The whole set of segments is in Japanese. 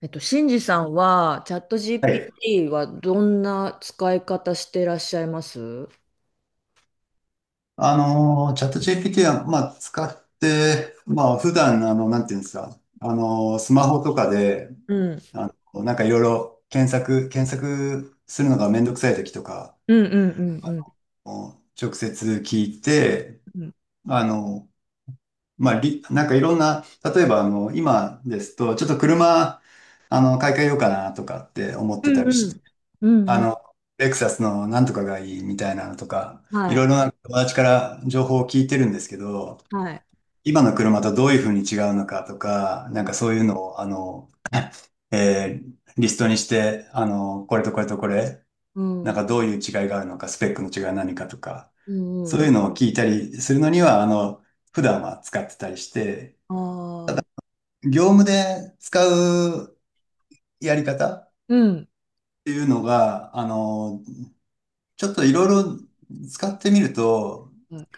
シンジさんは、チャット はい。GPT はどんな使い方してらっしゃいます？うん。チャット GPT は、まあ、使って、まあ、普段、なんていうんですか、スマホとかで、うん。なんかいろいろ検索するのがめんどくさい時とか、うん。うん。もう直接聞いて、うん。あの、まあ、なんかいろんな、例えば、今ですと、ちょっと車、買い替えようかなとかって思っうてたん。りうして、ん。うん。あうん。の、レクサスのなんとかがいいみたいなのとか、はいろい。いろな友達から情報を聞いてるんですけど、はい。今の車とどういうふうに違うのかとか、なうんん。かそういうのを、リストにして、これとこれとこれ、なんかどういう違いがあるのか、スペックの違いは何かとか、うそん。うういん。うのを聞いたりするのには、普段は使ってたりして、ああ。業務で使うやり方っうん。ていうのが、ちょっといろいろ使ってみると、はい。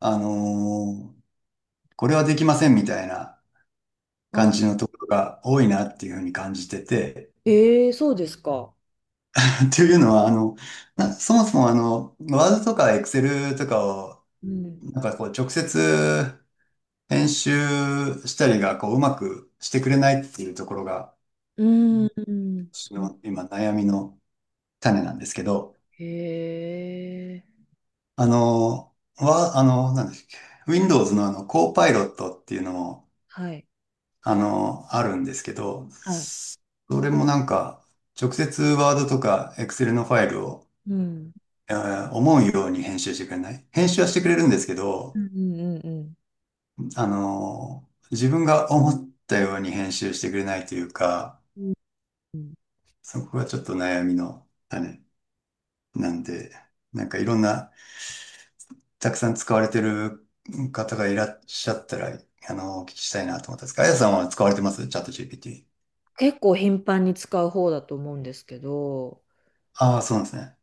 あの、これはできませんみたいなあ。感じのところが多いなっていうふうに感じてて、ええ、そうですか？ というのは、そもそもワードとかエクセルとかを、うん。なんかこう直接編集したりがこううまくしてくれないっていうところが、うん。私うん。の今悩みの種なんですけど、へえ。あの、は、あの、なんですっけ、Windows のコーパイロットっていうのも、はい。あるんですけど、はい。それもなんか、直接ワードとかエクセルのファイルを、うん。思うように編集してくれない。編集はしてくれるんですけうど、ん。うん。うん。自分が思ったように編集してくれないというか、うん。うん。そこがちょっと悩みの種なんで、なんかいろんな、たくさん使われてる方がいらっしゃったら、お聞きしたいなと思ったんですが、あやさんは使われてますチャット GPT？結構頻繁に使う方だと思うんですけど、ああ、そうなんですね。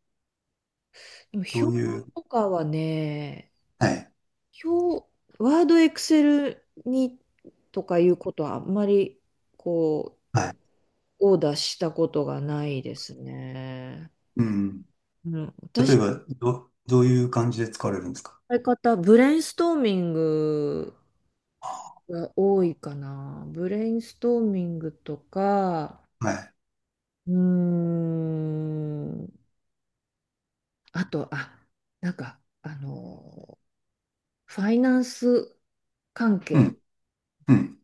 でもどう表いう、とかはね、はい、表、ワード、エクセルにとかいうことはあんまりこはい。う、オーダーしたことがないですね。うん。うん、例私えば、どういう感じで使われるんですか？のやり方、ブレインストーミングが多いかな。ブレインストーミングとか、はい。うーん、あと、あ、なんか、あの、ファイナンス関う係、ん、うん、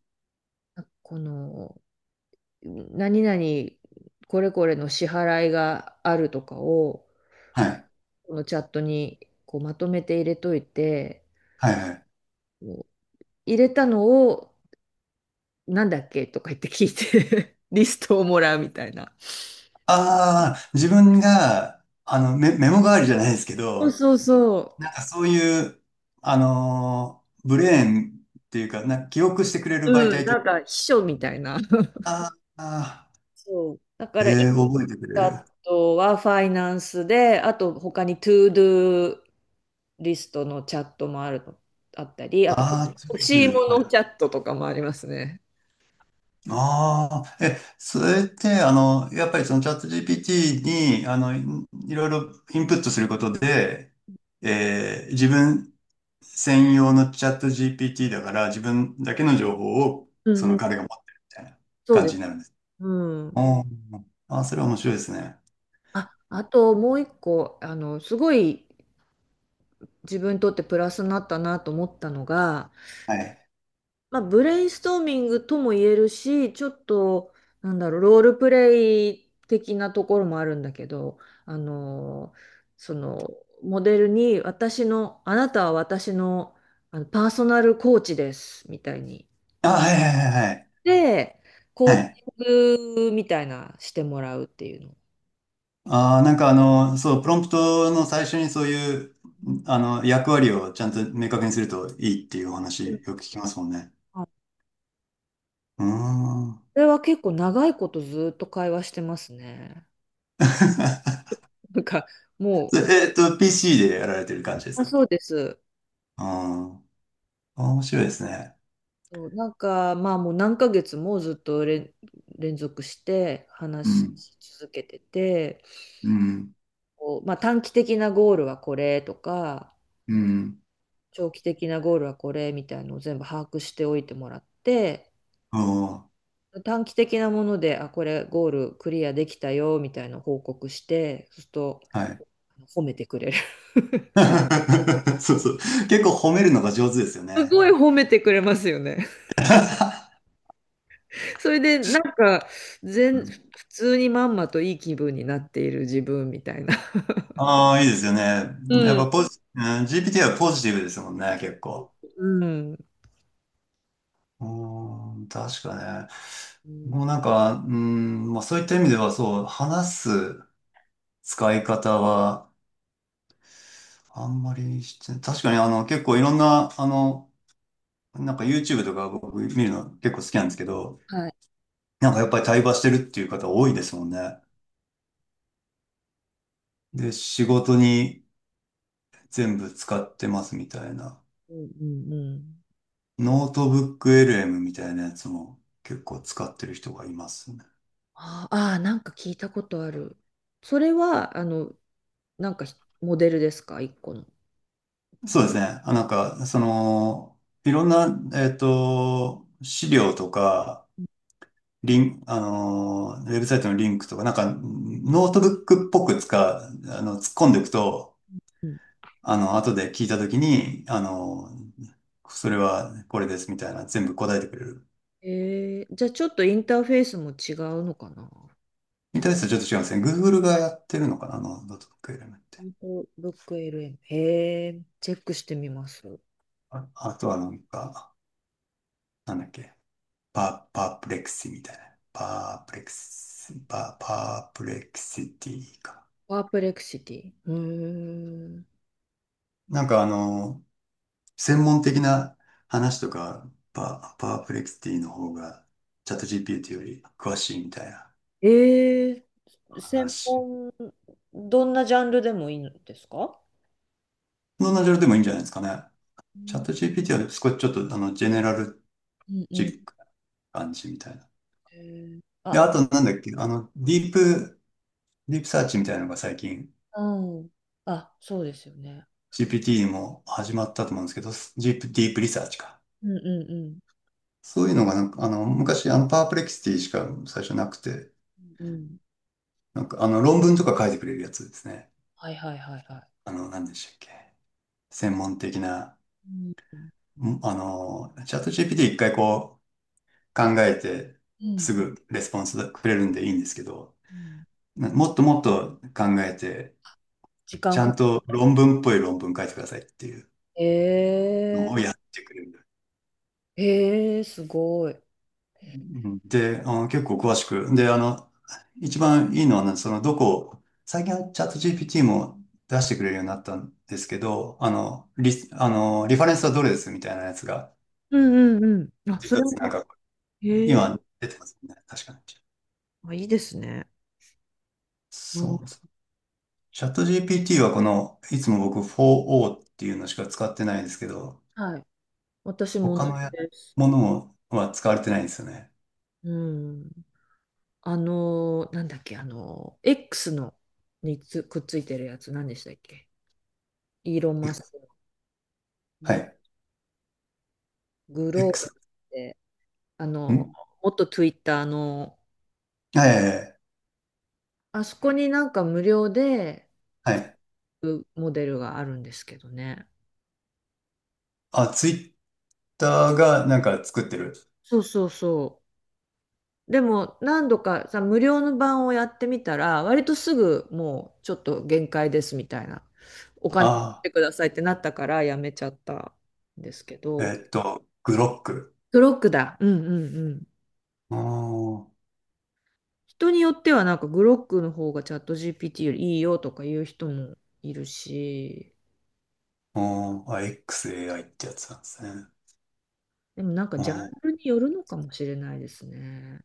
この、何々これこれの支払いがあるとかをはい、このチャットにこうまとめて入れといてはい、はい。入れたのをなんだっけとか言って聞いて リストをもらうみたいな。ああ、自分が、メモ代わりじゃないですけそうど、そうそなんかそういう、ブレーンっていうか、記憶してくれる媒う。うん、体といなう。んか秘書みたいな。あーあそう。だかー、ら1覚えてくれる。個はファイナンスで、あと他に To Do リストのチャットもあるの、あったり、あとああ、ツ欲ーツしいーもはのチい。ャットとかもありますね。ああ、え、それって、やっぱりそのチャット GPT に、いろいろインプットすることで、自分専用のチャット GPT だから、自分だけの情報を、うそんうのん。彼が持ってるみたいなそう感でじす。になるんです。うん。おーあー、それは面白いですね。あ、あともう一個、すごい自分にとってプラスになったなと思ったのが、はい。まあ、ブレインストーミングとも言えるし、ちょっと、なんだろう、ロールプレイ的なところもあるんだけど、あの、その、モデルに、あなたは私の、パーソナルコーチです、みたいに。あ、はいはいはいはい。で、コはーい。チングみたいなしてもらうっていうの。ああ、なんかあの、そう、プロンプトの最初にそういう、役割をちゃんと明確にするといいっていうおう話よん。く聞きますもんね。うーん。それは結構長いことずっと会話してますね。なんかもそれPC でやられてる感じですう、あ、か？そうです。ああ、面白いですね。そうまあもう何ヶ月もずっと連続してう話ん、し続けてて、うん、こうまあ、短期的なゴールはこれとか、うん。長期的なゴールはこれみたいのを全部把握しておいてもらって、おー、短期的なもので、あ、これゴールクリアできたよみたいな報告して、そうするとはい。褒めてくれる。そうそう。結構褒めるのが上手ですよすね。ごい褒めてくれますよね。それでなんか普通にまんまといい気分になっている自分みたいな。ああ、いいですよね。やっうん。ぱポジ、うん、 GPT はポジティブですもんね、結構。うん。うーん、確かね。うん。もうなんか、うーん、まあそういった意味ではそう、話す使い方はあんまりしてない、確かに結構いろんな、なんか YouTube とか僕見るの結構好きなんですけど、はい。なんかやっぱり対話してるっていう方多いですもんね。で、仕事に全部使ってますみたいな。うんうんうん。ノートブック LM みたいなやつも結構使ってる人がいますね。あーあ、なんか聞いたことある。それは、なんかモデルですか、一個の。そうですね。あ、なんか、その、いろんな、えっと、資料とか、リン、あの、ウェブサイトのリンクとか、なんか、ノートブックっぽく使う、突っ込んでいくと、うん。後で聞いたときに、それはこれですみたいな、全部答えてくれる。じゃあちょっとインターフェースも違うのかな。みたいなやつちょっと違うんですね。Google がやってるのかな、ノートブックエレメントっインて。フォブック LM。へえ、チェックしてみます。あ、あとはなんか、なんだっけ。パープレクシみたいな。パープレクシティか。パープレクシティ。うーん。なんかあの、専門的な話とか、パープレクシティの方が、チャット GPT より詳しいみたいなえー専話。門、どんなジャンルでもいいんですか？どんなジャンルでもいいんじゃないですかね。うチャッんト GPT は少しちょっとあの、ジェネラルうんうチん。ックな感じみたいな。へーで、あ、あとなんだっけ、ディープサーチみたいなのが最近、うん。あ、そうですよね。GPT も始まったと思うんですけど、ディープリサーチか。うんうんうそういうのがなんか、昔、パープレキシティしか最初なくて、ん。うん。なんか、論文とか書いてくれるやつですね。はいはいはいはい。何でしたっけ。専門的な、うん。チャット GPT 一回こう、考えて、うんすぐレスポンスくれるんでいいんですけど、うん。もっともっと考えて、時ち間ゃかんと論文っぽい論文書いてくださいっていうけえのをやってくれる。ー、えー、すごい。うんで、結構詳しく。で、一番いいのはね、その、どこ、最近はチャット GPT も出してくれるようになったんですけど、あの、リ、あの、リファレンスはどれですみたいなやつが、うんうんうん。あ、そ一れつなんも、か、へえ、今出てますね。確かに。あ、いいですね。うん、そうそう。チャット GPT はこの、いつも僕 4O っていうのしか使ってないんですけど、はい。私も同他じのやです。ものは使われてないんですよね。うん。なんだっけ、X のにつくっついてるやつ、何でしたっけ？イーロン・マスクのはグ、い。グローバル X。って、ん元 Twitter の、はいはいあそこになんか無料ではい。はい。モデルがあるんですけどね。あ、ツイッターがなんか作ってる。そうそうそう。でも何度かさ、無料の版をやってみたら、割とすぐもうちょっと限界ですみたいな、お金払っあてくださいってなったからやめちゃったんですけあ、ど、グロック。クロックだ。うんうんうん。あー人によってはなんかグロックの方がチャット GPT よりいいよとか言う人もいるし、あー、あ XAI ってやつなんですね。でもなんかあジャンールによるのかもしれないですね。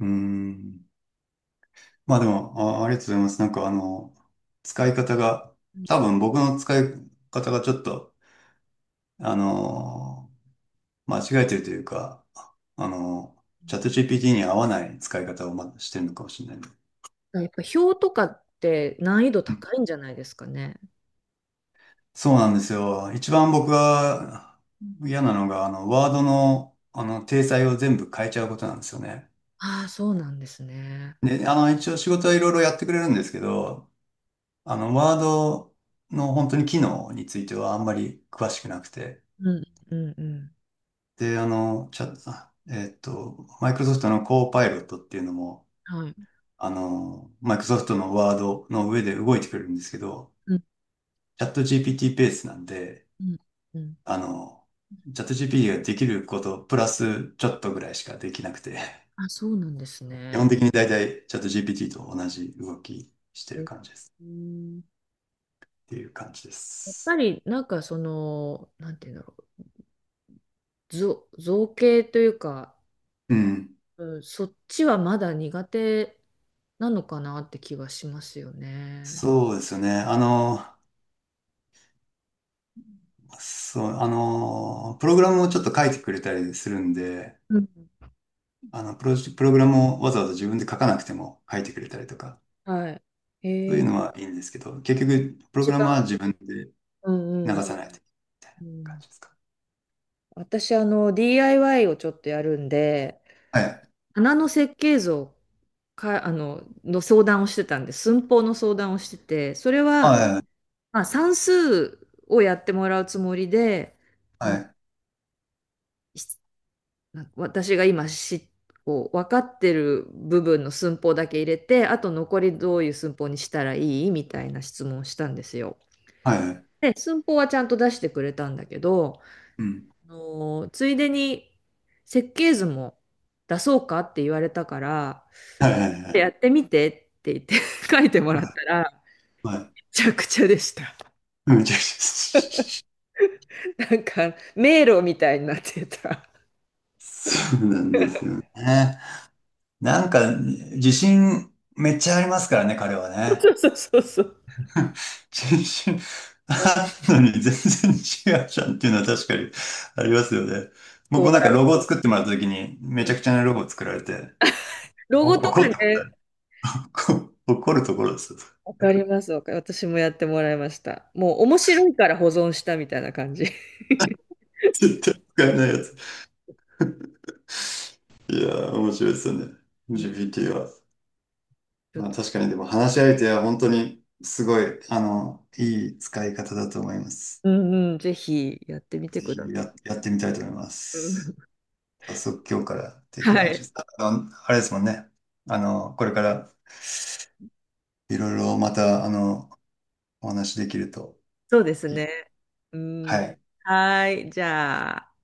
うーん。まあでも、あ、ありがとうございます。なんかあの、使い方が、多分僕の使い方がちょっと、あの間違えてるというか、あのー、チャット GPT に合わない使い方をましてるのかもしれないね。やっぱ表とかって難易度高いんじゃないですかね。そうなんですよ。一番僕が嫌なのが、ワードの、体裁を全部変えちゃうことなんですよね。ああ、そうなんですね。で、一応仕事はいろいろやってくれるんですけど、ワードの本当に機能についてはあんまり詳しくなくて。うんうんうん。で、あの、チャ、あえっと、マイクロソフトのコーパイロットっていうのも、はい。マイクロソフトのワードの上で動いてくれるんですけど、うんチャット GPT ペーティーベースなんで、うんうん。あの、チャット GPT ができること、プラスちょっとぐらいしかできなくて、あ、そうなんです基本ね。的に大体チャット GPT と同じ動きしてるえ、感じです。うん、っていう感じでやっぱす。りなんかなんて言うんだろう、造形というか、うん。うん、そっちはまだ苦手なのかなって気がしますよね。そうですよね。そう、プログラムをちょっと書いてくれたりするんで、うん、プログラムをわざわざ自分で書かなくても書いてくれたりとか、はい。そういえうー、のはいいんですけど、結局、プロ一グラ番、ムは自分でうんう流んさないというう感ん。じですか？私、DIY をちょっとやるんで、はい。花の設計図をか、あの、の相談をしてたんで、寸法の相談をしてて、それは、はい。まあ、算数をやってもらうつもりで、はあい。のはい。なんか私が今こう分かってる部分の寸法だけ入れてあと残りどういう寸法にしたらいいみたいな質問をしたんですよ。はい。で寸法はちゃんと出してくれたんだけど、うん。ついでに設計図も出そうかって言われたからはいはいはい。やってみてって言って 書いてもらっはたらい。はめちゃくちゃでした。いめちゃくちゃ。なんか迷路みたいになってた。そうなんですよね。なんか、自信めっちゃありますからね、彼は ね。そうそうそうそう。自信あるのに全然違うじゃんっていうのは確かにありますよね。僕もなんかロゴを作ってもらった時に、めちゃくちゃなロゴを作られて、ロゴと怒かったことあね、る。怒るところですよ。わかります。私もやってもらいました。もう面白いから保存したみたいな感じ。絶対使えないやつ。いやー、面白いですよね。うん。 GPT は。ちょっまあ、と、確かに、でも話し相手は本当にすごい、いい使い方だと思います。うんうん、ぜひやってみてぜくひださやってみたいと思いまい。うす。ん。早速今日からではきる話でい。す。あれですもんね。これからいろいろまた、お話しできるとそうですいね。い。うはん。い。はい。じゃあ。